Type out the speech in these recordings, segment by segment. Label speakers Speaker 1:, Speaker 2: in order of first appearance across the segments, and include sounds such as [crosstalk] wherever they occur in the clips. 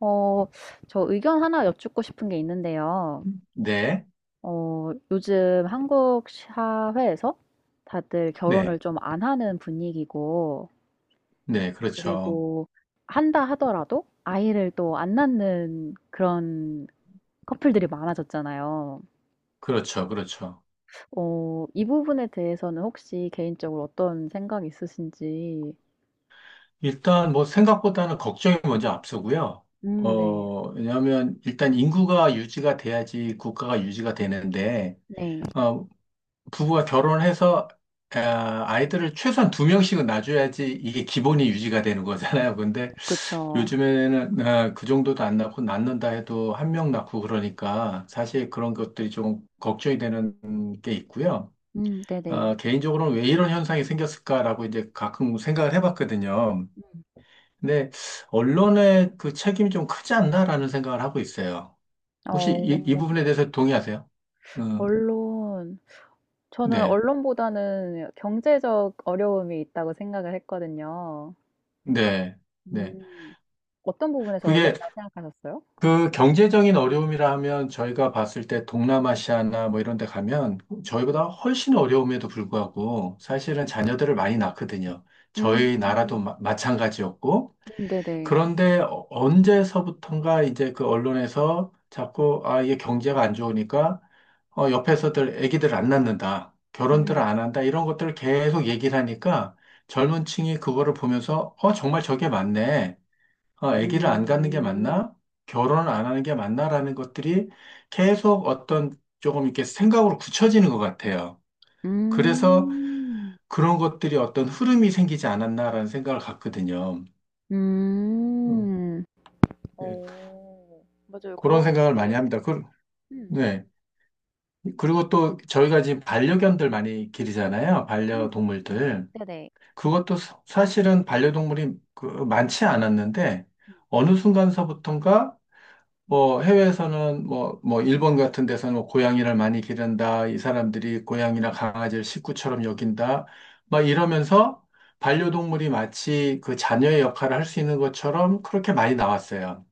Speaker 1: 어, 저 의견 하나 여쭙고 싶은 게 있는데요.
Speaker 2: 네,
Speaker 1: 요즘 한국 사회에서 다들 결혼을
Speaker 2: 네,
Speaker 1: 좀 안 하는 분위기고,
Speaker 2: 네, 그렇죠.
Speaker 1: 그리고 한다 하더라도 아이를 또 안 낳는 그런 커플들이 많아졌잖아요.
Speaker 2: 그렇죠, 그렇죠.
Speaker 1: 이 부분에 대해서는 혹시 개인적으로 어떤 생각이 있으신지?
Speaker 2: 일단 뭐 생각보다는 걱정이 먼저 앞서고요.
Speaker 1: 네.
Speaker 2: 왜냐하면 일단 인구가 유지가 돼야지 국가가 유지가 되는데,
Speaker 1: 네.
Speaker 2: 어, 부부가 결혼해서 아이들을 최소한 2명씩은 낳아줘야지 이게 기본이 유지가 되는 거잖아요. 근데
Speaker 1: 그쵸.
Speaker 2: 요즘에는 그 정도도 안 낳고 낳는다 해도 1명 낳고 그러니까 사실 그런 것들이 좀 걱정이 되는 게 있고요.
Speaker 1: 네네.
Speaker 2: 개인적으로는 왜 이런 현상이 생겼을까라고 이제 가끔 생각을 해봤거든요.
Speaker 1: 음.
Speaker 2: 근데 언론의 그 책임이 좀 크지 않나라는 생각을 하고 있어요. 혹시 이
Speaker 1: 어,
Speaker 2: 부분에 대해서 동의하세요? 음,
Speaker 1: 언론. 저는
Speaker 2: 네,
Speaker 1: 언론보다는 경제적 어려움이 있다고 생각을 했거든요.
Speaker 2: 네, 네.
Speaker 1: 음. 어떤 부분에서
Speaker 2: 그게
Speaker 1: 언론이라고 생각하셨어요?
Speaker 2: 그 경제적인 어려움이라 하면 저희가 봤을 때 동남아시아나 뭐 이런 데 가면
Speaker 1: 음.
Speaker 2: 저희보다 훨씬 어려움에도 불구하고 사실은 자녀들을 많이 낳거든요. 저희 나라도
Speaker 1: 음.
Speaker 2: 찬가지였고,
Speaker 1: 네네.
Speaker 2: 그런데 언제서부턴가 이제 그 언론에서 자꾸 이게 경제가 안 좋으니까 옆에서들 애기들 안 낳는다, 결혼들
Speaker 1: 음.
Speaker 2: 안 한다, 이런 것들을 계속 얘기를 하니까 젊은 층이 그거를 보면서 정말 저게 맞네, 애기를 안 갖는 게
Speaker 1: 음.
Speaker 2: 맞나, 결혼을 안 하는 게 맞나라는 것들이 계속 어떤 조금 이렇게 생각으로 굳혀지는 것 같아요. 그래서
Speaker 1: 음.
Speaker 2: 그런 것들이 어떤 흐름이 생기지 않았나라는 생각을 갖거든요. 음,
Speaker 1: 음.
Speaker 2: 네.
Speaker 1: 어. 맞아요. 그런
Speaker 2: 그런 생각을 많이
Speaker 1: 네.
Speaker 2: 합니다. 그,
Speaker 1: 음.
Speaker 2: 네. 그리고 또 저희가 지금 반려견들 많이 기르잖아요,
Speaker 1: 음.
Speaker 2: 반려동물들.
Speaker 1: 네네.
Speaker 2: 그것도 사실은 반려동물이 그 많지 않았는데
Speaker 1: 음.
Speaker 2: 어느 순간서부턴가 뭐 해외에서는 뭐 일본 같은 데서는 뭐 고양이를 많이 기른다, 이 사람들이 고양이나 강아지를 식구처럼 여긴다, 막 이러면서 반려동물이 마치 그 자녀의 역할을 할 수 있는 것처럼 그렇게 많이 나왔어요.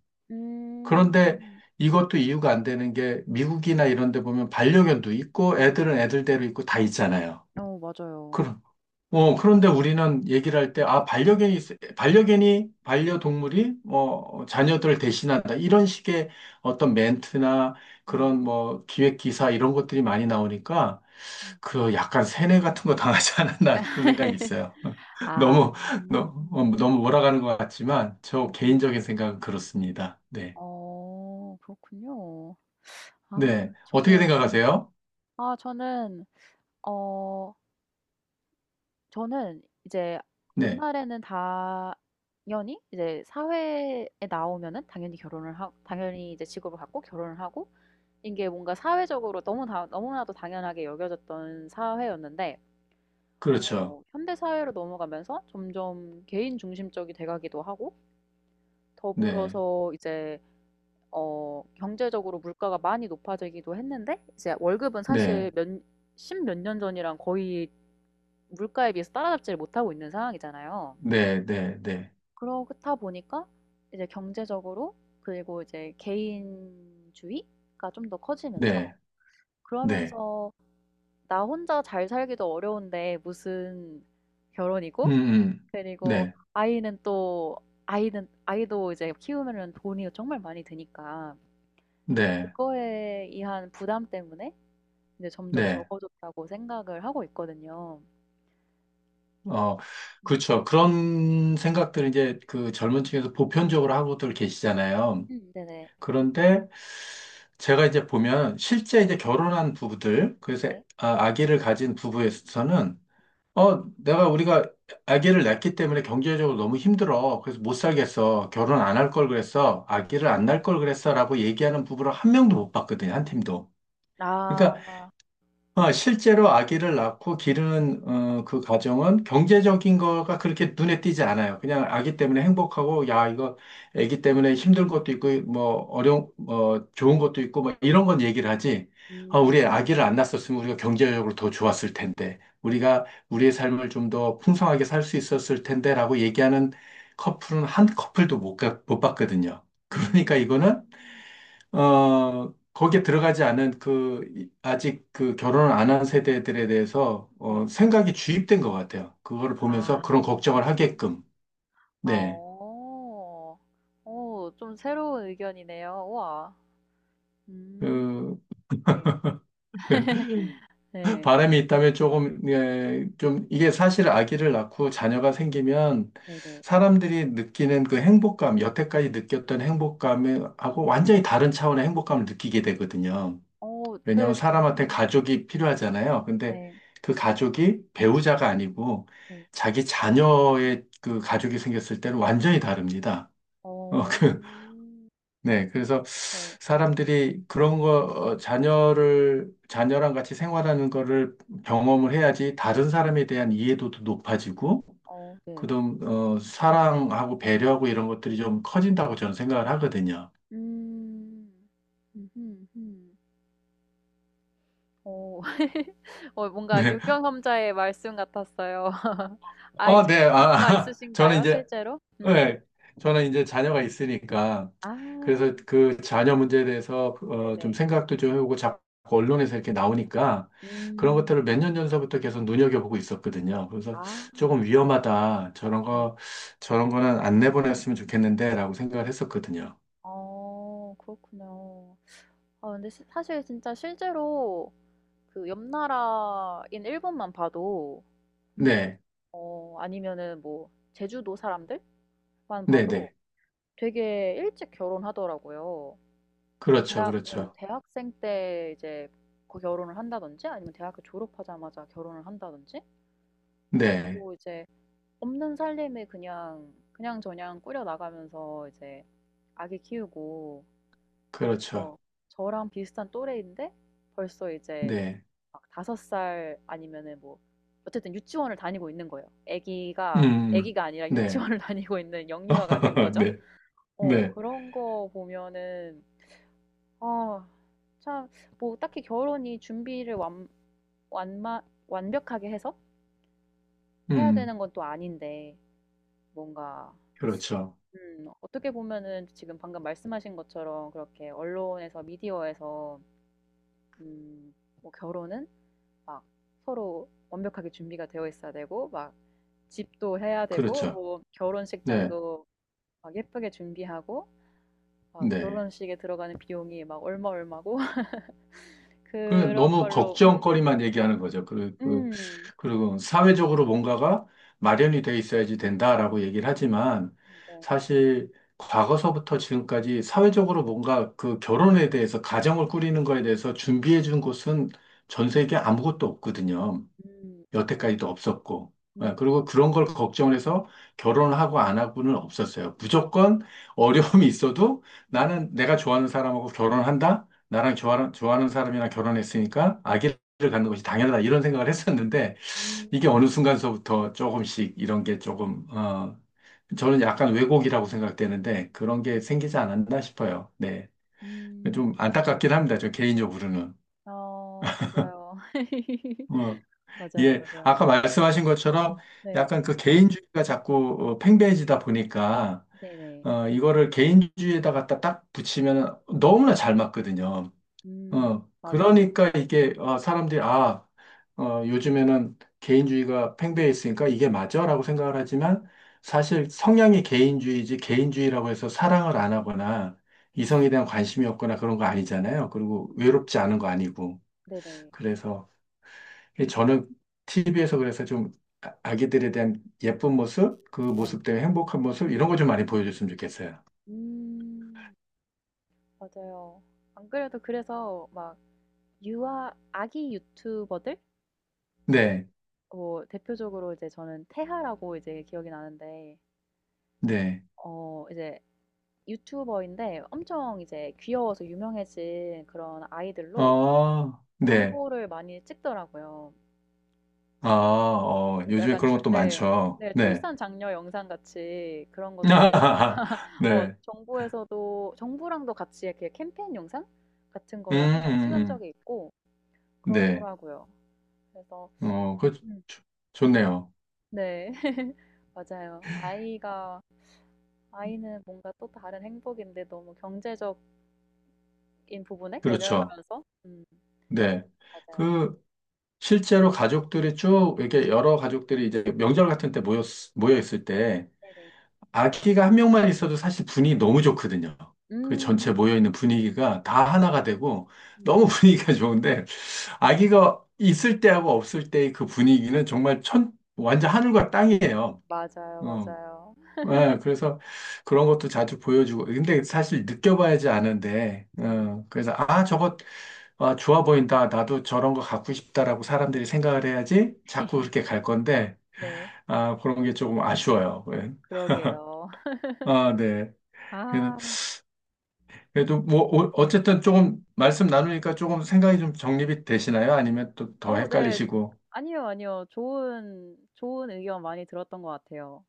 Speaker 2: 그런데
Speaker 1: 음.
Speaker 2: 이것도 이유가 안 되는 게 미국이나 이런 데 보면 반려견도 있고 애들은 애들대로 있고 다 있잖아요.
Speaker 1: 어 맞아요.
Speaker 2: 그럼, 그런데 우리는 얘기를 할 때, 반려동물이, 자녀들을 대신한다, 이런 식의 어떤 멘트나
Speaker 1: 음.
Speaker 2: 그런 뭐 기획 기사 이런 것들이 많이 나오니까
Speaker 1: 음.
Speaker 2: 그 약간 세뇌 같은 거 당하지 않았나 싶은 생각이 있어요. [laughs]
Speaker 1: 아.
Speaker 2: 너무, 너, 무 너무 몰아가는 것 같지만 저
Speaker 1: 음음.
Speaker 2: 개인적인 생각은 그렇습니다. 네.
Speaker 1: 어 그렇군요. 아
Speaker 2: 네. 어떻게
Speaker 1: 저는 음
Speaker 2: 생각하세요?
Speaker 1: 아 저는 어 저는 이제
Speaker 2: 네.
Speaker 1: 옛날에는 당연히 이제 사회에 나오면은 당연히 결혼을 하 당연히 이제 직업을 갖고 결혼을 하고, 이게 뭔가 사회적으로 너무나도 당연하게 여겨졌던 사회였는데
Speaker 2: 그렇죠.
Speaker 1: 어 현대 사회로 넘어가면서 점점 개인 중심적이 돼 가기도 하고,
Speaker 2: 네.
Speaker 1: 더불어서 이제 경제적으로 물가가 많이 높아지기도 했는데, 이제 월급은
Speaker 2: 네.
Speaker 1: 사실 몇, 십몇 년 전이랑 거의 물가에 비해서 따라잡지를 못하고 있는 상황이잖아요.
Speaker 2: 네. 네. 네.
Speaker 1: 그렇다 보니까 이제 경제적으로, 그리고 이제 개인주의가 좀 더 커지면서,
Speaker 2: 네. 네.
Speaker 1: 그러면서 나 혼자 잘 살기도 어려운데 무슨
Speaker 2: 음.
Speaker 1: 결혼이고,
Speaker 2: 음.
Speaker 1: 그리고
Speaker 2: 네.
Speaker 1: 아이는 또 아이는 아이도 이제 키우면은 돈이 정말 많이 드니까
Speaker 2: 네.
Speaker 1: 그거에 의한 부담 때문에 근데 점점
Speaker 2: 네.
Speaker 1: 적어졌다고 생각을 하고 있거든요.
Speaker 2: 어,
Speaker 1: 음.
Speaker 2: 그렇죠. 그런 생각들을 이제 그 젊은 층에서 보편적으로 하고들 계시잖아요.
Speaker 1: 네네.
Speaker 2: 그런데 제가 이제 보면 실제 이제 결혼한 부부들, 그래서
Speaker 1: 네.
Speaker 2: 아기를 가진 부부에서는 내가 우리가 아기를 낳기 때문에 경제적으로 너무 힘들어, 그래서 못 살겠어, 결혼 안 할 걸 그랬어, 아기를 안 낳을 걸 그랬어. 라고 얘기하는 부부를 1명도 못 봤거든, 1팀도. 그러니까
Speaker 1: 아.
Speaker 2: 실제로 아기를 낳고 기르는 그 과정은
Speaker 1: 네.
Speaker 2: 경제적인 거가 그렇게 눈에 띄지 않아요. 그냥 아기 때문에 행복하고, 야 이거 아기 때문에 힘든 것도 있고 뭐 어려운 좋은 것도 있고 뭐 이런 건 얘기를 하지.
Speaker 1: 음.
Speaker 2: 우리 아기를 안 낳았었으면 우리가 경제적으로 더 좋았을 텐데, 우리가 우리의 삶을 좀 더 풍성하게 살 수 있었을 텐데라고 얘기하는 커플은 1커플도 못 봤거든요. 그러니까
Speaker 1: 음.
Speaker 2: 이거는 거기에 들어가지 않은 그, 아직 그 결혼을 안 한 세대들에 대해서,
Speaker 1: 네.
Speaker 2: 생각이 주입된 것 같아요, 그거를 보면서
Speaker 1: 아.
Speaker 2: 그런 걱정을 하게끔.
Speaker 1: 아
Speaker 2: 네.
Speaker 1: 오 오 좀 새로운 의견이네요. 우와. 음.
Speaker 2: 그,
Speaker 1: 네.
Speaker 2: [laughs]
Speaker 1: [laughs] 네.
Speaker 2: 바람이 있다면 조금, 예, 좀, 이게 사실 아기를 낳고 자녀가 생기면
Speaker 1: 네네.
Speaker 2: 사람들이 느끼는 그 행복감, 여태까지 느꼈던 행복감하고 완전히 다른 차원의 행복감을 느끼게 되거든요.
Speaker 1: 어
Speaker 2: 왜냐면 하
Speaker 1: 네.
Speaker 2: 사람한테
Speaker 1: 음.
Speaker 2: 가족이 필요하잖아요. 근데
Speaker 1: 네.
Speaker 2: 그 가족이 배우자가 아니고
Speaker 1: 네.
Speaker 2: 자기 자녀의 그 가족이 생겼을 때는 완전히 다릅니다. [laughs]
Speaker 1: 어.
Speaker 2: 그, 네. 그래서
Speaker 1: 네.
Speaker 2: 사람들이 그런 거, 자녀랑 같이 생활하는 거를 경험을 해야지 다른 사람에 대한 이해도도 높아지고,
Speaker 1: 어 네.
Speaker 2: 그다음, 사랑하고 배려하고 이런 것들이 좀 커진다고 저는 생각을 하거든요.
Speaker 1: 음. 음 음. 어. [laughs] 어 뭔가
Speaker 2: 네.
Speaker 1: 유경험자의 말씀 같았어요. [laughs] 아이
Speaker 2: 네.
Speaker 1: 자녀가
Speaker 2: [laughs] 저는
Speaker 1: 있으신가요?
Speaker 2: 이제
Speaker 1: 실제로? 음.
Speaker 2: 네, 저는 이제 자녀가 있으니까 그래서
Speaker 1: 아
Speaker 2: 그 자녀 문제에 대해서 좀
Speaker 1: 네네.
Speaker 2: 생각도 좀 해보고, 자꾸 언론에서 이렇게 나오니까 그런 것들을
Speaker 1: 음.
Speaker 2: 몇 년 전서부터 계속 눈여겨보고 있었거든요. 그래서
Speaker 1: 아
Speaker 2: 조금 위험하다, 저런
Speaker 1: 네.
Speaker 2: 거, 저런 거는 안 내보냈으면 좋겠는데라고 생각을 했었거든요.
Speaker 1: 어 그렇군요. 아 근데 시 사실 진짜 실제로 그 옆 나라인 일본만 봐도,
Speaker 2: 네,
Speaker 1: 아니면은 뭐 제주도 사람들만
Speaker 2: 네,
Speaker 1: 봐도
Speaker 2: 네.
Speaker 1: 되게 일찍 결혼하더라고요.
Speaker 2: 그렇죠, 그렇죠.
Speaker 1: 대학생 때 이제 그 결혼을 한다든지 아니면 대학교 졸업하자마자 결혼을 한다든지
Speaker 2: 네,
Speaker 1: 그러고 이제 없는 살림을 그냥 그냥저냥 꾸려나가면서 이제 아기 키우고,
Speaker 2: 그렇죠.
Speaker 1: 그래서 저랑 비슷한 또래인데 벌써 이제
Speaker 2: 네,
Speaker 1: 막섯살 아니면은 뭐, 어쨌든 유치원을 다니고 있는 거예요.
Speaker 2: 음, 음.
Speaker 1: 아기가 아니라
Speaker 2: 네,
Speaker 1: 유치원을 [laughs] 다니고 있는 영유아가 된
Speaker 2: [laughs]
Speaker 1: 거죠.
Speaker 2: 네,
Speaker 1: 어,
Speaker 2: 네,
Speaker 1: 그런 거 보면은, 어, 참, 뭐, 딱히 결혼이 준비를 완, 완마, 완벽하게 해서
Speaker 2: 음,
Speaker 1: 해야
Speaker 2: 음.
Speaker 1: 되는 건 또 아닌데, 뭔가,
Speaker 2: 그렇죠,
Speaker 1: 어떻게 보면은 지금 방금 말씀하신 것처럼 그렇게 언론에서, 미디어에서, 음, 뭐, 결혼은 막 서로 완벽하게 준비가 되어 있어야 되고, 막 집도 해야 되고,
Speaker 2: 그렇죠.
Speaker 1: 뭐,
Speaker 2: 네,
Speaker 1: 결혼식장도 막 예쁘게 준비하고, 막
Speaker 2: 네.
Speaker 1: 결혼식에 들어가는 비용이 막 얼마 얼마고, [laughs]
Speaker 2: 그
Speaker 1: 그런
Speaker 2: 너무
Speaker 1: 걸로,
Speaker 2: 걱정거리만 얘기하는 거죠.
Speaker 1: 음,
Speaker 2: 그리고 사회적으로 뭔가가 마련이 돼 있어야지 된다라고 얘기를 하지만
Speaker 1: 네.
Speaker 2: 사실 과거서부터 지금까지 사회적으로 뭔가 그 결혼에 대해서, 가정을 꾸리는 거에 대해서 준비해 준 곳은 전 세계 아무것도 없거든요.
Speaker 1: 맞아요.
Speaker 2: 여태까지도 없었고. 예,
Speaker 1: 음.
Speaker 2: 그리고 그런 걸 걱정해서 결혼을 하고 안 하고는 없었어요. 무조건 어려움이 있어도
Speaker 1: 음.
Speaker 2: 나는 내가 좋아하는 사람하고 결혼한다, 나랑 좋아하는 사람이랑 결혼했으니까 아기를 갖는 것이 당연하다, 이런 생각을 했었는데 이게
Speaker 1: 음.
Speaker 2: 어느 순간서부터 조금씩 이런 게 조금, 저는 약간 왜곡이라고 생각되는데 그런 게
Speaker 1: 음.
Speaker 2: 생기지 않았나 싶어요. 네.
Speaker 1: 음.
Speaker 2: 좀 안타깝긴 합니다, 저 개인적으로는.
Speaker 1: 아 맞아요. [laughs]
Speaker 2: 어,
Speaker 1: 맞아요,
Speaker 2: 예,
Speaker 1: 맞아요.
Speaker 2: 아까 말씀하신 것처럼
Speaker 1: 네.
Speaker 2: 약간 그 개인주의가 자꾸 팽배해지다 보니까
Speaker 1: 네네.
Speaker 2: 이거를 개인주의에다 갖다 딱 붙이면 너무나 잘 맞거든요.
Speaker 1: 맞아요.
Speaker 2: 그러니까 이게 사람들이 요즘에는 개인주의가 팽배해 있으니까 이게 맞아라고 생각을 하지만 사실 성향이 개인주의지, 개인주의라고 해서 사랑을 안 하거나 이성에 대한 관심이 없거나 그런 거 아니잖아요. 그리고
Speaker 1: 음
Speaker 2: 외롭지 않은 거 아니고.
Speaker 1: 네네.
Speaker 2: 그래서 이 저는 TV에서 그래서 좀 아기들에 대한 예쁜 모습, 그
Speaker 1: 네.
Speaker 2: 모습 때문에 행복한 모습, 이런 거 좀 많이 보여줬으면 좋겠어요.
Speaker 1: 음 맞아요. 안 그래도 그래서 막 유아 아기 유튜버들,
Speaker 2: 네,
Speaker 1: 뭐 대표적으로 이제 저는 태하라고 이제 기억이 나는데
Speaker 2: 네.
Speaker 1: 이제 유튜버인데 엄청 이제 귀여워서 유명해진 그런 아이들로
Speaker 2: 네.
Speaker 1: 광고를 많이 찍더라고요. 그래서
Speaker 2: 요즘에
Speaker 1: 약간
Speaker 2: 그런
Speaker 1: 출
Speaker 2: 것도
Speaker 1: 네.
Speaker 2: 많죠.
Speaker 1: 네
Speaker 2: 네.
Speaker 1: 출산 장려 영상 같이 그런 것도 이제
Speaker 2: [laughs]
Speaker 1: 어
Speaker 2: 네.
Speaker 1: 정부에서도 정부랑도 같이 이렇게 캠페인 영상 같은
Speaker 2: 음,
Speaker 1: 거를 한번
Speaker 2: 음,
Speaker 1: 찍은
Speaker 2: 음.
Speaker 1: 적이 있고
Speaker 2: 네.
Speaker 1: 그렇더라고요. 그래서
Speaker 2: 그,
Speaker 1: 음.
Speaker 2: 좋- 좋네요.
Speaker 1: 네. [laughs] 맞아요. 아이가 아이는 뭔가 또 다른 행복인데 너무 경제적인 부분에
Speaker 2: 그렇죠.
Speaker 1: 연연하면서
Speaker 2: 네.
Speaker 1: 맞아요.
Speaker 2: 그, 실제로 가족들이 쭉, 이렇게 여러 가족들이 이제 명절 같은 때 모여 있을 때,
Speaker 1: 네네.
Speaker 2: 아기가 1명만 있어도 사실 분위기 너무 좋거든요. 그 전체
Speaker 1: 음.
Speaker 2: 모여있는 분위기가 다 하나가 되고
Speaker 1: 음
Speaker 2: 너무 [laughs] 분위기가 좋은데 아기가 있을 때하고 없을 때의 그 분위기는 정말 완전 하늘과 땅이에요.
Speaker 1: 맞아요,
Speaker 2: 어.
Speaker 1: 맞아요.
Speaker 2: 예, 그래서 그런 것도 자주 보여주고, 근데 사실 느껴봐야지 아는데
Speaker 1: 음.
Speaker 2: 그래서 아 저거 좋아 보인다, 나도 저런 거 갖고 싶다라고 사람들이 생각을 해야지 자꾸
Speaker 1: [laughs]
Speaker 2: 그렇게 갈 건데,
Speaker 1: 네.
Speaker 2: 그런 게 조금 아쉬워요. 예.
Speaker 1: 그러게요.
Speaker 2: 네.
Speaker 1: 아.
Speaker 2: 그래도 뭐 어쨌든 조금 말씀 나누니까 조금 생각이 좀 정립이 되시나요? 아니면 또 더
Speaker 1: 어 네.
Speaker 2: 헷갈리시고.
Speaker 1: 아니요, 아니요. 좋은 의견 많이 들었던 것 같아요.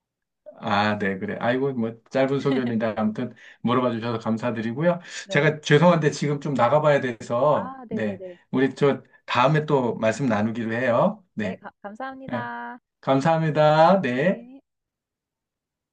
Speaker 2: 네, 그래.
Speaker 1: 음.
Speaker 2: 아이고 뭐 짧은 소견인데
Speaker 1: [laughs]
Speaker 2: 아무튼 물어봐 주셔서 감사드리고요.
Speaker 1: 네.
Speaker 2: 제가 죄송한데 지금 좀 나가봐야 돼서
Speaker 1: 아
Speaker 2: 네,
Speaker 1: 네네네.
Speaker 2: 우리 저 다음에 또 말씀 나누기로 해요.
Speaker 1: 네.
Speaker 2: 네,
Speaker 1: 가
Speaker 2: 네.
Speaker 1: 감사합니다.
Speaker 2: 감사합니다. 네.
Speaker 1: 네.